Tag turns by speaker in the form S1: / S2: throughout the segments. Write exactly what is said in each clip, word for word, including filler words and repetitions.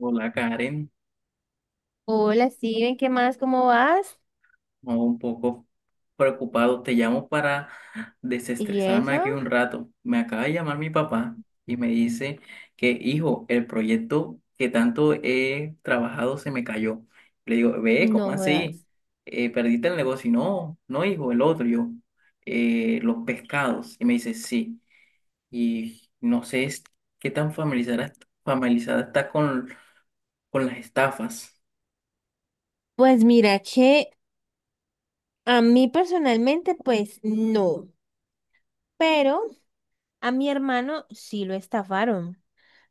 S1: Hola, Karen.
S2: Hola, Steven, ¿qué más? ¿Cómo vas?
S1: No, un poco preocupado. Te llamo para
S2: ¿Y
S1: desestresarme
S2: eso?
S1: aquí un rato. Me acaba de llamar mi papá y me dice que, hijo, el proyecto que tanto he trabajado se me cayó. Le digo, ve, ¿cómo
S2: No
S1: así?
S2: jodas.
S1: Eh, ¿perdiste el negocio? Y no, no, hijo, el otro. Y yo, "Eh, los pescados. Y me dice, sí. Y no sé es- qué tan familiarizada, familiarizada está con, con las estafas.
S2: Pues mira que a mí personalmente, pues no, pero a mi hermano sí lo estafaron.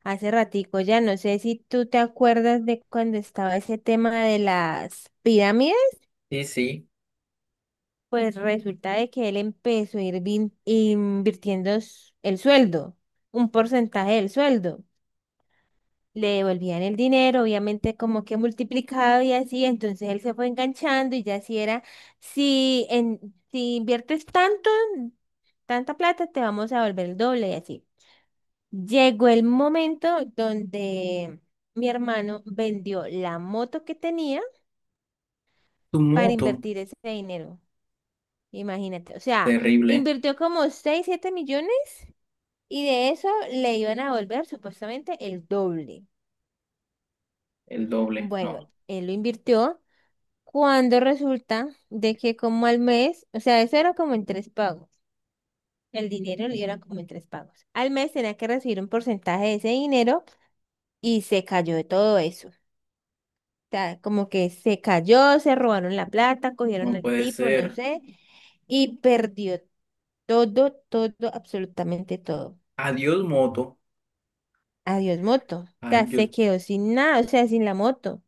S2: Hace ratico ya, no sé si tú te acuerdas de cuando estaba ese tema de las pirámides,
S1: Sí, sí,
S2: pues resulta de que él empezó a ir vin- invirtiendo s- el sueldo, un porcentaje del sueldo. Le devolvían el dinero, obviamente como que multiplicado y así, entonces él se fue enganchando y ya así era, si, en, si inviertes tanto, tanta plata, te vamos a volver el doble y así. Llegó el momento donde mi hermano vendió la moto que tenía
S1: tu
S2: para
S1: moto,
S2: invertir ese dinero. Imagínate, o sea,
S1: terrible.
S2: invirtió como seis siete millones y de eso le iban a volver supuestamente el doble.
S1: El doble, no,
S2: Bueno, él lo invirtió. Cuando resulta de que como al mes, o sea, eso era como en tres pagos. El dinero le era como en tres pagos. Al mes tenía que recibir un porcentaje de ese dinero y se cayó de todo eso. O sea, como que se cayó, se robaron la plata, cogieron
S1: no
S2: al
S1: puede
S2: tipo, no
S1: ser.
S2: sé, y perdió todo, todo, absolutamente todo.
S1: Adiós, moto.
S2: Adiós, moto. O
S1: Ah,
S2: sea, se
S1: yo,
S2: quedó sin nada, o sea, sin la moto.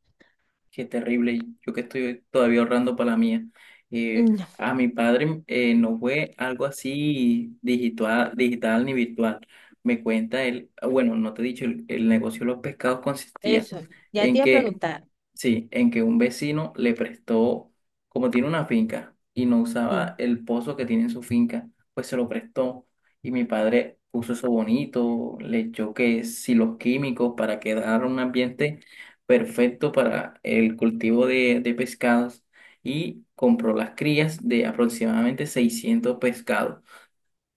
S1: qué terrible. Yo que estoy todavía ahorrando para la mía. Eh,
S2: No,
S1: a mi padre eh, no fue algo así digital, digital ni virtual. Me cuenta él, ah, bueno, no te he dicho, el, el negocio de los pescados consistía
S2: eso. Ya te
S1: en
S2: iba a
S1: que,
S2: preguntar.
S1: sí, en que un vecino le prestó, como tiene una finca y no usaba
S2: Sí,
S1: el pozo que tiene en su finca, pues se lo prestó. Y mi padre puso eso bonito, le echó que si los químicos para quedar un ambiente perfecto para el cultivo de, de pescados, y compró las crías de aproximadamente seiscientos pescados,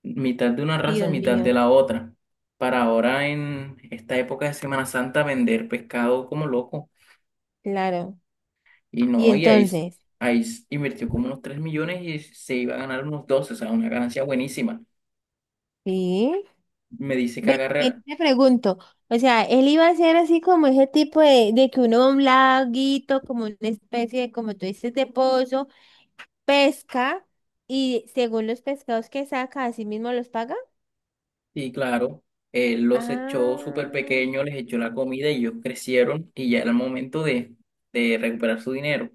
S1: mitad de una raza,
S2: Dios
S1: mitad de
S2: mío,
S1: la otra. Para ahora en esta época de Semana Santa vender pescado como loco.
S2: claro.
S1: Y
S2: Y
S1: no, y ahí,
S2: entonces,
S1: ahí invirtió como unos tres millones y se iba a ganar unos doce, o sea, una ganancia buenísima.
S2: ¿sí?
S1: Me dice que
S2: Ven,
S1: agarra,
S2: ven, te pregunto, o sea, él iba a ser así como ese tipo de, de que uno va a un laguito, como una especie de, como tú dices, de pozo, pesca, y según los pescados que saca, así mismo los paga.
S1: y claro, él los echó súper
S2: Ah,
S1: pequeños, les echó la comida y ellos crecieron y ya era el momento de, de recuperar su dinero.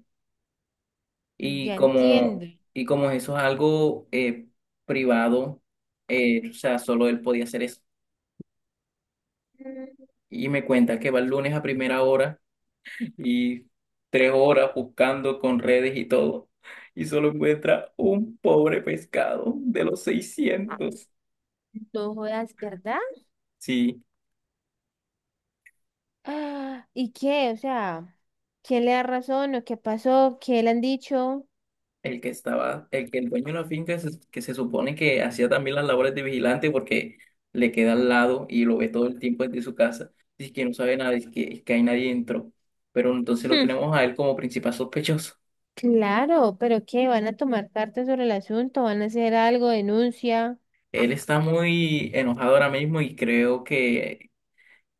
S1: Y
S2: ya entiendo.
S1: como, y como eso es algo eh, privado, eh, o sea, solo él podía hacer eso.
S2: Mm,
S1: Y me cuenta que va el lunes a primera hora y tres horas buscando con redes y todo, y solo encuentra un pobre pescado de los seiscientos.
S2: no jodas, ¿verdad?
S1: Sí,
S2: Ah, ¿y qué? O sea, ¿quién le da razón o qué pasó? ¿Qué le han dicho?
S1: el que estaba, el que el dueño de la finca se- que se supone que hacía también las labores de vigilante porque le queda al lado y lo ve todo el tiempo desde su casa, dice que no sabe nada, dice que, que hay nadie dentro, pero entonces lo
S2: Hmm,
S1: tenemos a él como principal sospechoso.
S2: claro, pero ¿qué? ¿Van a tomar cartas sobre el asunto? ¿Van a hacer algo? ¿Denuncia?
S1: Él está muy enojado ahora mismo y creo que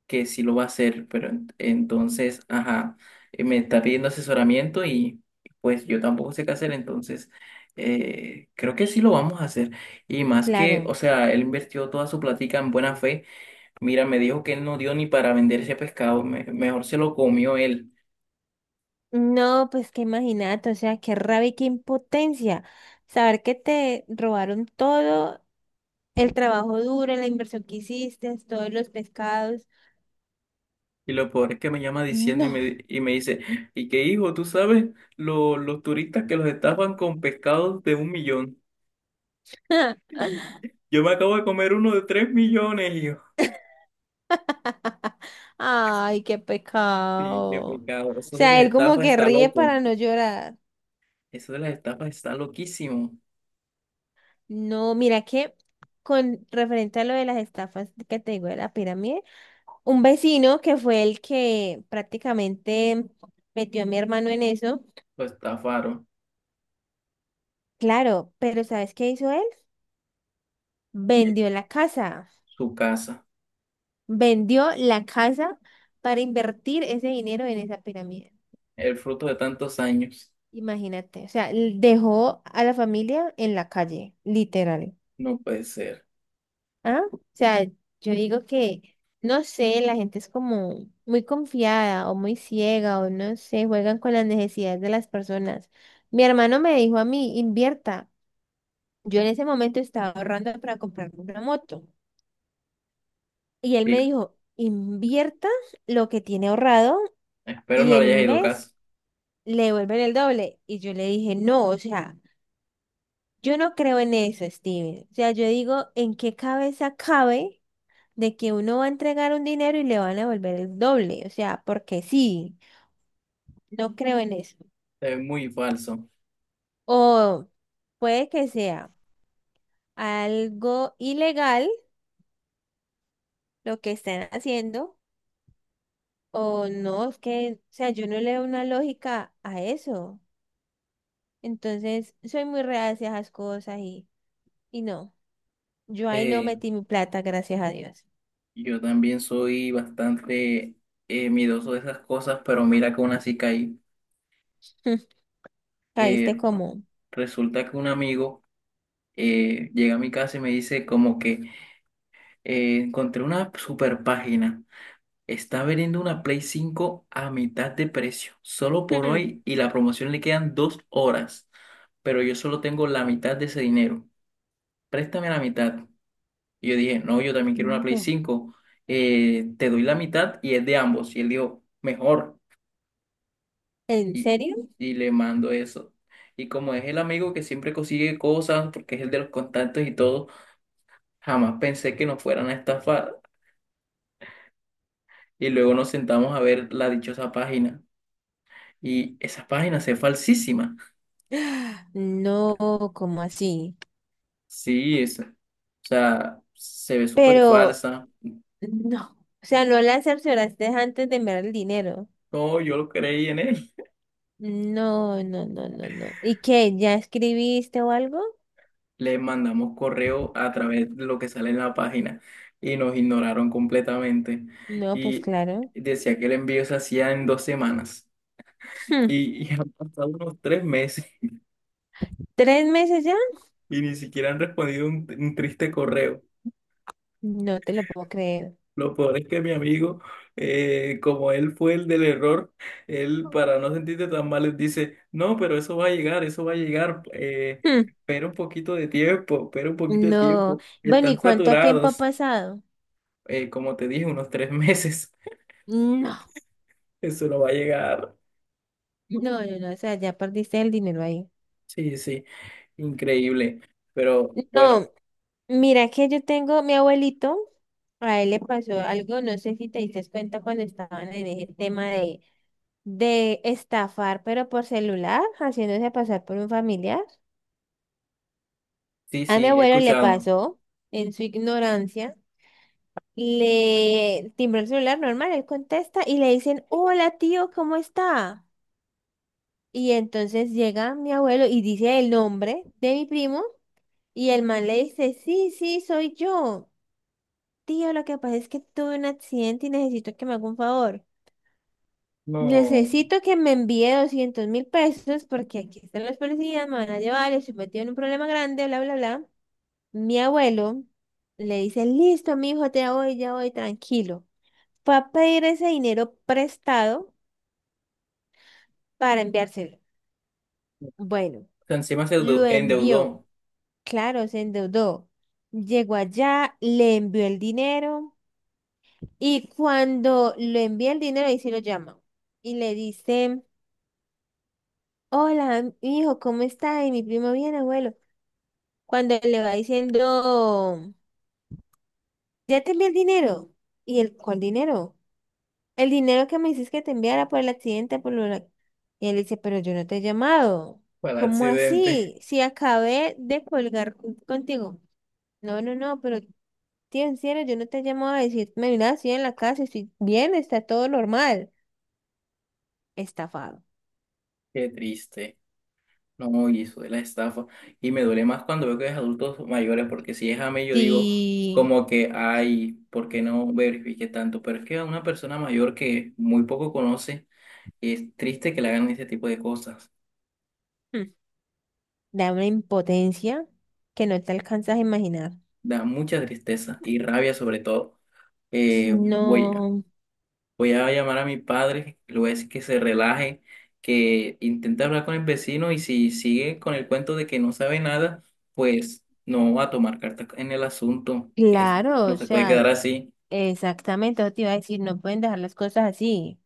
S1: que sí lo va a hacer, pero en- entonces, ajá, eh, me está pidiendo asesoramiento y pues yo tampoco sé qué hacer, entonces eh, creo que sí lo vamos a hacer. Y más que, o
S2: Claro.
S1: sea, él invirtió toda su plática en buena fe. Mira, me dijo que él no dio ni para vender ese pescado, me- mejor se lo comió él.
S2: No, pues que imagínate, o sea, qué rabia y qué impotencia. Saber que te robaron todo, el trabajo duro, la inversión que hiciste, todos los pescados.
S1: Y lo peor es que me llama diciendo y
S2: No.
S1: me, di- y me dice, ¿y qué, hijo? ¿Tú sabes lo- los turistas que los estafan con pescados de un millón? Yo me acabo de comer uno de tres millones.
S2: Ay, qué
S1: Sí, qué
S2: pecado. O
S1: pecado. Eso de
S2: sea,
S1: las
S2: él como
S1: estafas
S2: que
S1: está
S2: ríe
S1: loco.
S2: para no llorar.
S1: Eso de las estafas está loquísimo.
S2: No, mira que con referente a lo de las estafas que te digo de la pirámide, un vecino que fue el que prácticamente metió a mi hermano en eso,
S1: Lo estafaron.
S2: claro, pero ¿sabes qué hizo él?
S1: Bien,
S2: Vendió la casa.
S1: su casa.
S2: Vendió la casa para invertir ese dinero en esa pirámide.
S1: El fruto de tantos años.
S2: Imagínate. O sea, l- dejó a la familia en la calle, literal.
S1: No puede ser.
S2: ¿Ah? O sea, yo digo que, no sé, la gente es como muy confiada o muy ciega o no sé, juegan con las necesidades de las personas. Mi hermano me dijo a mí, invierta. Yo en ese momento estaba ahorrando para comprarme una moto. Y él
S1: Sí,
S2: me dijo, invierta lo que tiene ahorrado
S1: espero
S2: y
S1: no le
S2: en
S1: haya
S2: un
S1: ido
S2: mes
S1: caso.
S2: le devuelven el doble. Y yo le dije, no, o sea, yo no creo en eso, Steven. O sea, yo digo, ¿en qué cabeza cabe de que uno va a entregar un dinero y le van a devolver el doble? O sea, porque sí, no creo en eso.
S1: Es muy falso.
S2: O puede que sea algo ilegal lo que están haciendo, o no, es que, o sea, yo no le veo una lógica a eso. Entonces, soy muy reacia a esas cosas y, y no. Yo ahí no
S1: Eh,
S2: metí mi plata, gracias a Dios.
S1: yo también soy bastante eh, miedoso de esas cosas, pero mira que aún así caí.
S2: Caíste
S1: Eh,
S2: como...
S1: resulta que un amigo eh, llega a mi casa y me dice como que eh, encontré una super página. Está vendiendo una Play cinco a mitad de precio, solo por
S2: Hmm,
S1: hoy y la promoción le quedan dos horas, pero yo solo tengo la mitad de ese dinero. Préstame la mitad. Y yo dije, no, yo también quiero una Play
S2: no.
S1: cinco. Eh, te doy la mitad y es de ambos. Y él dijo, mejor.
S2: ¿En
S1: Y,
S2: serio?
S1: y le mando eso. Y como es el amigo que siempre consigue cosas, porque es el de los contactos y todo, jamás pensé que nos fueran a estafar. Y luego nos sentamos a ver la dichosa página. Y esa página se es falsísima.
S2: Ah, no, como así?
S1: Sí, es, o sea, se ve súper
S2: Pero
S1: falsa.
S2: no. O sea, no la cercioraste antes de enviar el dinero.
S1: No, yo lo creí en él.
S2: No, no, no, no, no. ¿Y qué? ¿Ya escribiste o algo?
S1: Le mandamos correo a través de lo que sale en la página y nos ignoraron completamente.
S2: No, pues
S1: Y
S2: claro.
S1: decía que el envío se hacía en dos semanas.
S2: Hmm,
S1: Y, y han pasado unos tres meses
S2: ¿tres meses ya?
S1: y ni siquiera han respondido un, un triste correo.
S2: No te lo puedo creer.
S1: Lo peor es que mi amigo, eh, como él fue el del error, él para no sentirte tan mal les dice, no, pero eso va a llegar, eso va a llegar, eh,
S2: Hmm,
S1: espera un poquito de tiempo, espera un poquito de
S2: no.
S1: tiempo.
S2: Bueno, ¿y
S1: Están
S2: cuánto tiempo ha
S1: saturados.
S2: pasado?
S1: eh, como te dije, unos tres meses.
S2: No,
S1: Eso no va a llegar.
S2: no, no, no. O sea, ya perdiste el dinero ahí.
S1: Sí, sí, increíble. Pero bueno,
S2: No, mira que yo tengo mi abuelito, a él le pasó
S1: sí,
S2: algo, no sé si te diste cuenta cuando estaban en ese tema de, de estafar, pero por celular, haciéndose pasar por un familiar.
S1: sí,
S2: A mi
S1: sí, he
S2: abuelo le
S1: escuchado.
S2: pasó, en su ignorancia, le timbró el celular normal, él contesta y le dicen, hola tío, ¿cómo está? Y entonces llega mi abuelo y dice el nombre de mi primo y el man le dice, sí, sí, soy yo. Tío, lo que pasa es que tuve un accidente y necesito que me haga un favor.
S1: No,
S2: Necesito que me envíe doscientos mil pesos porque aquí están los policías, me van a llevar, estoy metido en un problema grande, bla, bla, bla. Mi abuelo le dice, listo, mi hijo, te voy, ya voy, tranquilo. Fue a pedir ese dinero prestado para enviárselo. Bueno,
S1: encima se
S2: lo envió.
S1: endeudó,
S2: Claro, se endeudó. Llegó allá, le envió el dinero. Y cuando le envía el dinero, ahí sí lo llama. Y le dice, hola, hijo, ¿cómo está? Y mi primo, bien, abuelo. Cuando le va diciendo, ya te envié el dinero. ¿Y el cuál dinero? El dinero que me dices que te enviara por el accidente, por lo... de- la-". Y él dice, pero yo no te he llamado.
S1: fue el
S2: ¿Cómo
S1: accidente,
S2: así? Si acabé de colgar con- contigo. No, no, no, pero tío, en serio, yo no te he llamado a decirme, mira, estoy en la casa, estoy bien, está todo normal. Estafado.
S1: qué triste. No, y eso de la estafa. Y me duele más cuando veo que es adultos mayores, porque si es a mí, yo digo,
S2: Sí,
S1: como que, ay, ¿por qué no verifique tanto? Pero es que a una persona mayor que muy poco conoce, es triste que le hagan ese tipo de cosas.
S2: hmm, da una impotencia que no te alcanzas a imaginar.
S1: Da mucha tristeza y rabia sobre todo. Eh, voy,
S2: No,
S1: Voy a llamar a mi padre, le voy a decir que se relaje, que intente hablar con el vecino y si sigue con el cuento de que no sabe nada, pues no va a tomar cartas en el asunto. Que Eso
S2: claro,
S1: no
S2: o
S1: se puede
S2: sea,
S1: quedar así.
S2: exactamente, eso te iba a decir, no pueden dejar las cosas así.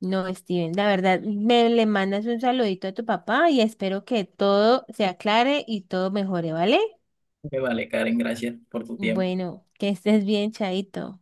S2: No, Steven, la verdad, me le mandas un saludito a tu papá y espero que todo se aclare y todo mejore, ¿vale?
S1: Me vale, Karen, gracias por tu tiempo.
S2: Bueno, que estés bien, Chaito.